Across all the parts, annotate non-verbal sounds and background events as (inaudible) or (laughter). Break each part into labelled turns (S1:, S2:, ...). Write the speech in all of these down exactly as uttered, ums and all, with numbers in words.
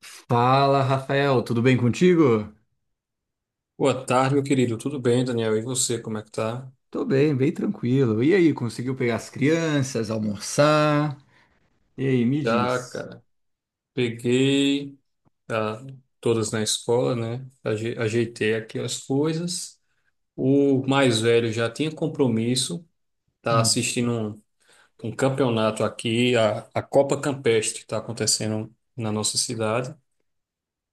S1: Fala, Rafael, tudo bem contigo?
S2: Boa tarde, meu querido. Tudo bem, Daniel? E você, como é que tá?
S1: Tô bem, bem tranquilo. E aí, conseguiu pegar as crianças, almoçar? E aí, me
S2: Já,
S1: diz.
S2: cara, peguei ah, todas na escola, né? Aje- Ajeitei aqui as coisas. O mais velho já tinha compromisso, tá
S1: Hum.
S2: assistindo um, um campeonato aqui, a, a Copa Campestre está acontecendo na nossa cidade,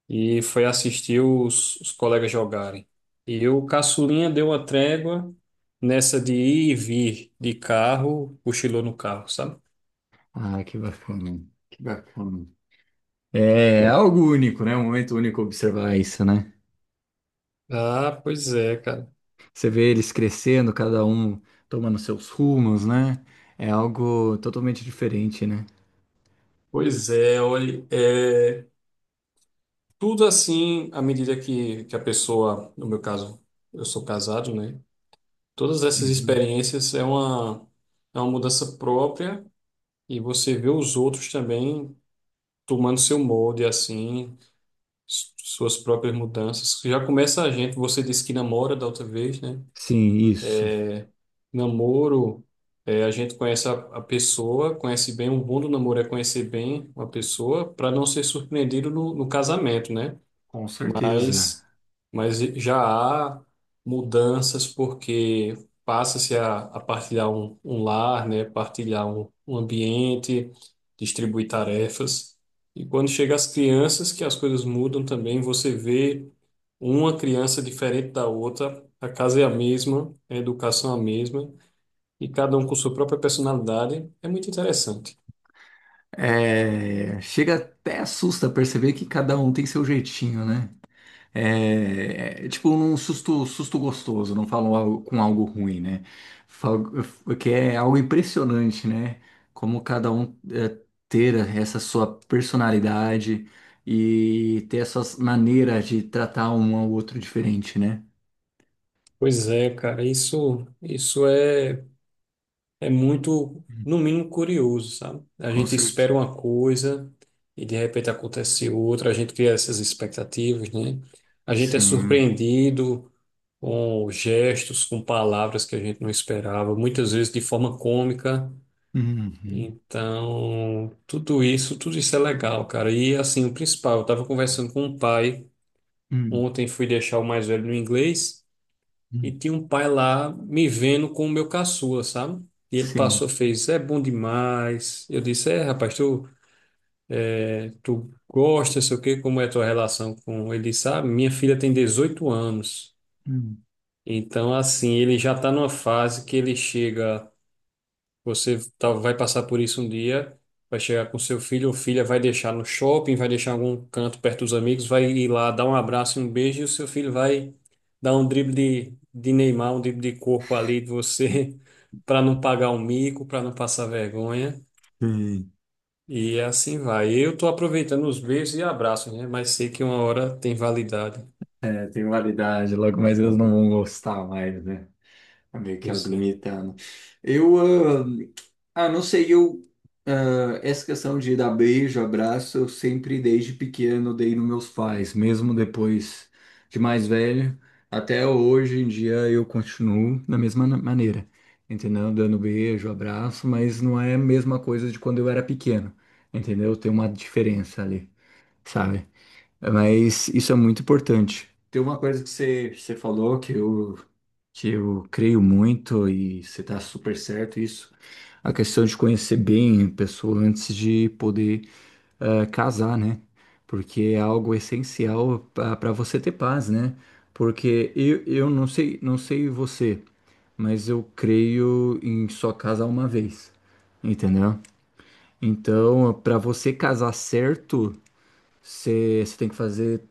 S2: e foi assistir os, os colegas jogarem. E o caçulinha deu uma trégua nessa de ir e vir de carro, cochilou no carro, sabe?
S1: Ah, que bacana, que bacana. É algo único, né? Um momento único observar isso, né?
S2: Ah, pois é, cara.
S1: Você vê eles crescendo, cada um tomando seus rumos, né? É algo totalmente diferente, né?
S2: Pois é, olha, é, tudo assim, à medida que, que a pessoa, no meu caso, eu sou casado, né? Todas essas
S1: Uhum.
S2: experiências é uma, é uma mudança própria e você vê os outros também tomando seu molde, assim, s- suas próprias mudanças. Já começa a gente, você disse que namora da outra vez, né?
S1: Sim, isso.
S2: Namoro, é, a gente conhece a, a pessoa, conhece bem, um bom do namoro é conhecer bem uma pessoa para não ser surpreendido no, no casamento, né?
S1: Com certeza.
S2: Mas, mas já há mudanças porque passa-se a, a partilhar um, um lar, né? Partilhar um, um ambiente, distribuir tarefas. E quando chega as crianças, que as coisas mudam também, você vê uma criança diferente da outra, a casa é a mesma, a educação é a mesma e cada um com sua própria personalidade, é muito interessante.
S1: É, chega até assusta perceber que cada um tem seu jeitinho, né? É, é, tipo um susto, susto gostoso, não falam algo- com algo ruim, né? Fal- Que é algo impressionante, né? Como cada um é, ter essa sua personalidade e ter as suas maneiras de tratar um ao outro diferente, né?
S2: Pois é, cara, isso, isso é, é, muito, no mínimo, curioso, sabe? A
S1: Com
S2: gente
S1: certeza.
S2: espera uma coisa e de repente acontece outra, a gente cria essas expectativas, né? A gente é
S1: Sim.
S2: surpreendido com gestos, com palavras que a gente não esperava, muitas vezes de forma cômica.
S1: Uhum.
S2: Então, tudo isso, tudo isso é legal, cara. E assim, o principal, eu estava conversando com um pai.
S1: Uhum.
S2: Ontem fui deixar o mais velho no inglês e
S1: Uhum.
S2: tinha um pai lá me vendo com o meu caçula, sabe? E ele
S1: Sim.
S2: passou, fez, é bom demais. Eu disse, é, rapaz, tu, tu gosta, sei o quê, como é a tua relação com ele? Ele disse, ah, minha filha tem dezoito anos.
S1: Uhum.
S2: Então, assim, ele já tá numa fase que ele chega. Você tá- vai passar por isso um dia, vai chegar com seu filho ou filha, vai deixar no shopping, vai deixar em algum canto perto dos amigos, vai ir lá dar um abraço e um beijo, e o seu filho vai dar um drible de, de Neymar, um drible de corpo ali de você, (laughs) para não pagar o mico, para não passar vergonha.
S1: Sim.
S2: E assim vai. Eu tô aproveitando os beijos e abraços, né? Mas sei que uma hora tem validade.
S1: É, tem validade, logo, mas eles não vão gostar mais, né? É meio que algo
S2: Pois é,
S1: limitando. Eu, ah, ah, não sei, eu, ah, essa questão de dar beijo, abraço, eu sempre desde pequeno dei nos meus pais, mesmo depois de mais velho, até hoje em dia eu continuo da mesma na- maneira, entendeu? Dando beijo, abraço, mas não é a mesma coisa de quando eu era pequeno, entendeu? Tem uma diferença ali, sabe? Mas isso é muito importante. Tem uma coisa que você, você falou que eu, que eu creio muito e você está super certo isso. A questão de conhecer bem a pessoa antes de poder eh, casar, né? Porque é algo essencial para você ter paz, né? Porque eu, eu não sei, não sei você, mas eu creio em só casar uma vez, entendeu? Então, para você casar certo você você tem que fazer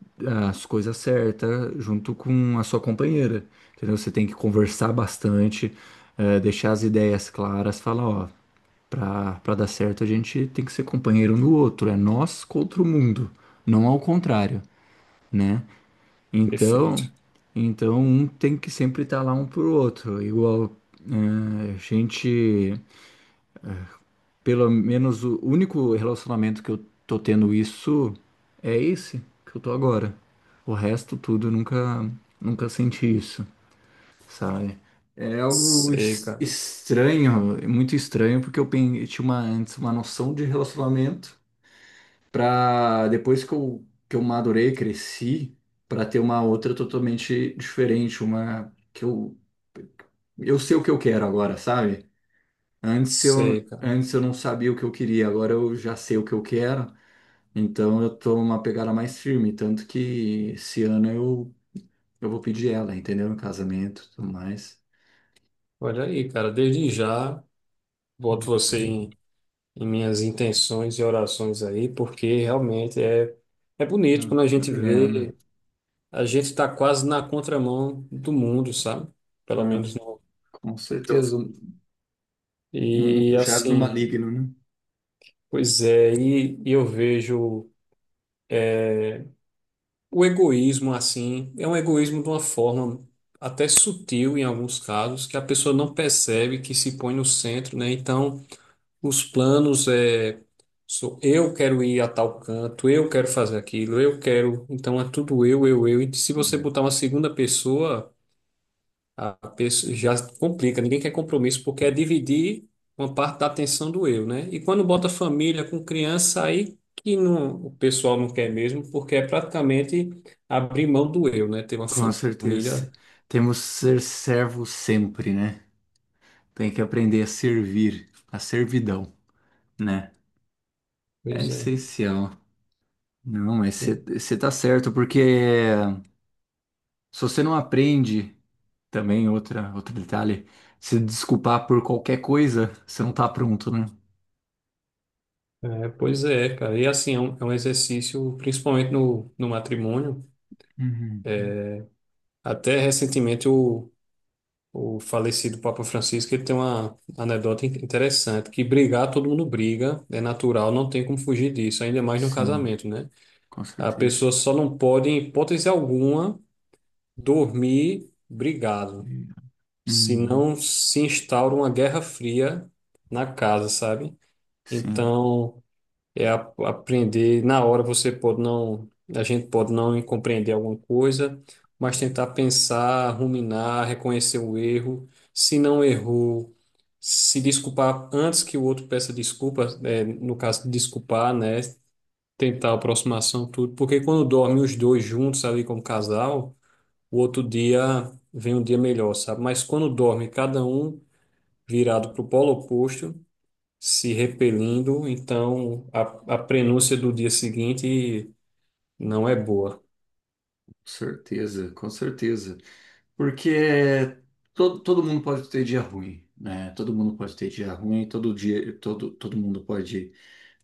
S1: as coisas certas junto com a sua companheira, entendeu? Você tem que conversar bastante, eh, deixar as ideias claras, falar, ó, pra, pra dar certo a gente tem que ser companheiro um do outro, é nós contra o mundo, não ao contrário, né? Então,
S2: perfeito.
S1: então um tem que sempre estar lá um pro outro, igual eh, a gente. Pelo menos o único relacionamento que eu tô tendo isso é esse que eu tô agora. O resto tudo eu nunca nunca senti isso, sabe? É algo
S2: Sei,
S1: es-
S2: cara.
S1: estranho, é muito estranho, porque eu, pen- eu tinha uma, antes uma noção de relacionamento para depois que eu, que eu madurei, cresci, para ter uma outra totalmente diferente, uma que eu eu sei o que eu quero agora, sabe? Antes eu,
S2: Sei, cara.
S1: antes eu não sabia o que eu queria, agora eu já sei o que eu quero, então eu tô uma pegada mais firme, tanto que esse ano eu, eu vou pedir ela, entendeu? Em casamento e tudo mais.
S2: Olha aí, cara, desde já, boto
S1: Hum,
S2: você em. Em minhas intenções e orações aí, porque realmente é, é bonito
S1: ah,
S2: quando a gente
S1: obrigado.
S2: vê, a gente está quase na contramão do mundo, sabe? Pelo
S1: Ah,
S2: menos no
S1: com
S2: que eu.
S1: certeza, um, um
S2: E
S1: do jazz do
S2: assim,
S1: maligno, né?
S2: pois é, e, e eu vejo o egoísmo assim, é um egoísmo de uma forma até sutil em alguns casos, que a pessoa não percebe que se põe no centro, né? Então, Os planos é, sou eu, quero ir a tal canto, eu quero fazer aquilo, eu quero. Então é tudo eu, eu, eu. E se você
S1: Hum.
S2: botar uma segunda pessoa, a pessoa já complica. Ninguém quer compromisso porque é dividir uma parte da atenção do eu, né? E quando bota família com criança, aí que não, o pessoal não quer mesmo, porque é praticamente abrir mão do eu, né? Ter uma
S1: Com certeza.
S2: família.
S1: Temos que ser servo sempre, né? Tem que aprender a servir, a servidão, né? É
S2: Pois é.
S1: essencial. Não, mas você tá certo, porque se você não aprende, também outra, outro detalhe, se desculpar por qualquer coisa, você não tá pronto, né?
S2: É, pois é, cara. E assim, é um, é um exercício, principalmente no, no matrimônio.
S1: Uhum.
S2: Até recentemente o, o falecido Papa Francisco ele tem uma anedota in- interessante, que brigar todo mundo briga, é natural, não tem como fugir disso, ainda mais num
S1: Sim,
S2: casamento, né?
S1: com
S2: A
S1: certeza.
S2: pessoa só não pode, em hipótese alguma, dormir brigado,
S1: Uhum.
S2: senão se instaura uma guerra fria na casa, sabe?
S1: Sim,
S2: Então, é a- aprender na hora, você pode não, a gente pode não compreender alguma coisa, mas tentar pensar, ruminar, reconhecer o erro, se não errou, se desculpar antes que o outro peça desculpa, é, no caso desculpar, né, tentar aproximação, tudo, porque quando dormem os dois juntos ali como casal, o outro dia vem um dia melhor, sabe, mas quando dorme cada um virado para o polo oposto, se repelindo, então a, a prenúncia do dia seguinte não é boa.
S1: com certeza, com certeza. Porque todo, todo mundo pode ter dia ruim, né? Todo mundo pode ter dia ruim, todo dia, todo, todo mundo pode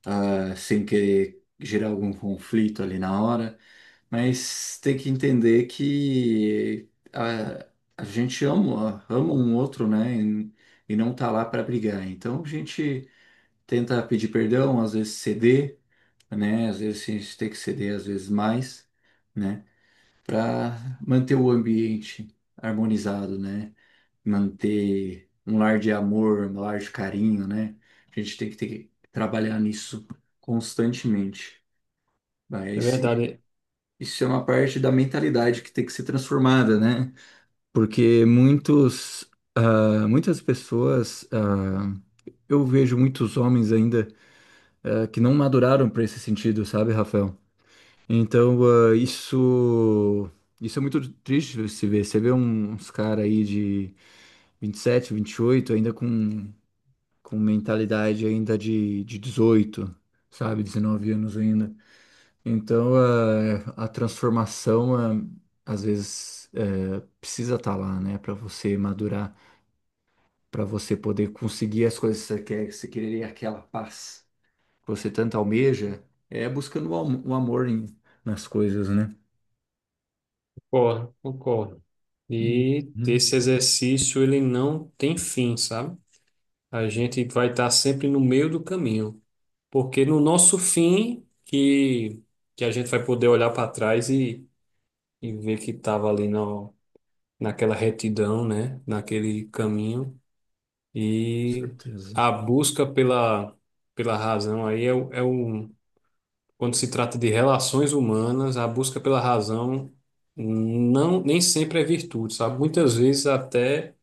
S1: ah, sem querer gerar algum conflito ali na hora, mas tem que entender que a, a gente ama, ama um outro, né? E, e não tá lá para brigar. Então a gente tenta pedir perdão, às vezes ceder, né? Às vezes a gente tem que ceder, às vezes mais, né? Para manter o ambiente harmonizado, né? Manter um lar de amor, um lar de carinho, né? A gente tem que ter que trabalhar nisso constantemente.
S2: É
S1: Mas i-
S2: verdade,
S1: isso é uma parte da mentalidade que tem que ser transformada, né? Porque muitos, ah, muitas pessoas, ah, eu vejo muitos homens ainda, ah, que não maduraram para esse sentido, sabe, Rafael? Então, ah, isso, isso é muito triste de se ver. Você vê um, uns caras aí de vinte vinte e sete, vinte e oito ainda com com mentalidade ainda de, de dezoito sabe, dezenove anos ainda. Então, eh, a transformação, eh, às vezes, eh, precisa estar lá, né, para você madurar, para você poder conseguir as coisas que você quer, que você quereria aquela paz que você tanto almeja, é buscando o, am- o amor em- nas coisas, né?
S2: concordo, concordo. E
S1: Uhum,
S2: esse exercício, ele não tem fim, sabe? A gente vai estar sempre no meio do caminho, porque no nosso fim que, que a gente vai poder olhar para trás e, e ver que estava ali na, naquela retidão, né? Naquele caminho.
S1: com
S2: E
S1: certeza.
S2: a busca pela, pela razão aí é, o- é o. Quando se trata de relações humanas, a busca pela razão não, nem sempre é virtude, sabe? Muitas vezes até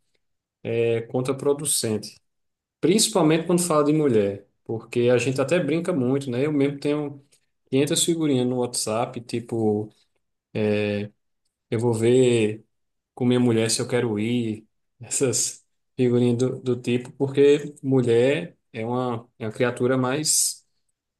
S2: é contraproducente, principalmente quando fala de mulher, porque a gente até brinca muito, né? Eu mesmo tenho quinhentas figurinhas no WhatsApp, tipo, eu vou ver com minha mulher se eu quero ir, essas figurinhas do, do tipo, porque mulher é uma, é uma criatura mais,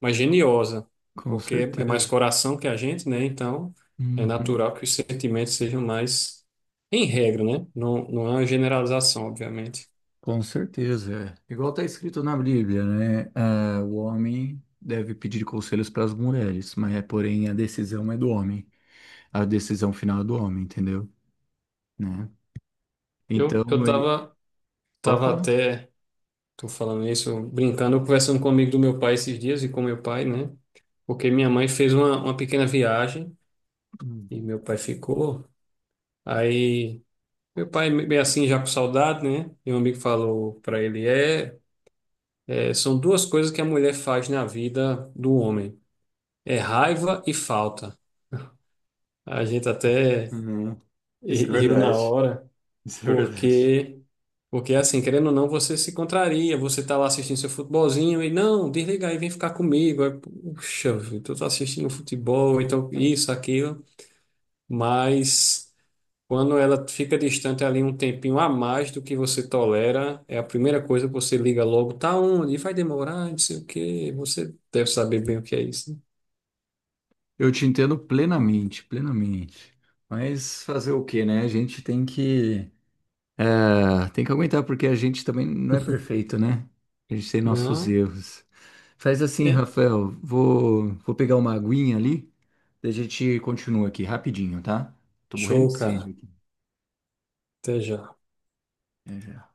S2: mais geniosa,
S1: Com
S2: porque é mais
S1: certeza.
S2: coração que a gente, né? Então é
S1: Uhum.
S2: natural que os sentimentos sejam mais em regra, né? Não, não é uma generalização, obviamente.
S1: Com certeza, é. Igual está escrito na Bíblia, né? Ah, o homem deve pedir conselhos para as mulheres, mas é, porém a decisão é do homem. A decisão final é do homem, entendeu? Né?
S2: Eu,
S1: Então,
S2: eu
S1: e-
S2: tava,
S1: pode
S2: tava
S1: falar.
S2: até, tô falando isso, brincando, conversando com um amigo do meu pai esses dias e com meu pai, né? Porque minha mãe fez uma, uma pequena viagem
S1: Hum.
S2: e meu pai ficou. Aí, meu pai é assim, já com saudade, né? E um amigo falou para ele, é, é, são duas coisas que a mulher faz na vida do homem. É raiva e falta. A gente até
S1: Uhum. Isso é
S2: ri- riu na
S1: verdade.
S2: hora,
S1: Isso é verdade.
S2: porque porque é assim, querendo ou não, você se contraria, você tá lá assistindo seu futebolzinho e não, desliga aí, vem ficar comigo. Aí, puxa, vida, eu tô assistindo futebol, então isso, aquilo, mas quando ela fica distante ali um tempinho a mais do que você tolera, é a primeira coisa que você liga logo, tá onde? Vai demorar, não sei o quê. Você deve saber bem o que é isso.
S1: Eu te entendo plenamente, plenamente. Mas fazer o quê, né? A gente tem que ah, tem que aguentar, porque a gente também não
S2: Né?
S1: é
S2: (laughs)
S1: perfeito, né? A gente tem nossos
S2: Não?
S1: erros. Faz assim,
S2: É.
S1: Rafael, vou, vou pegar uma aguinha ali, daí a gente continua aqui rapidinho, tá? Tô morrendo
S2: Show,
S1: de
S2: cara.
S1: sede aqui.
S2: Até já.
S1: É, já.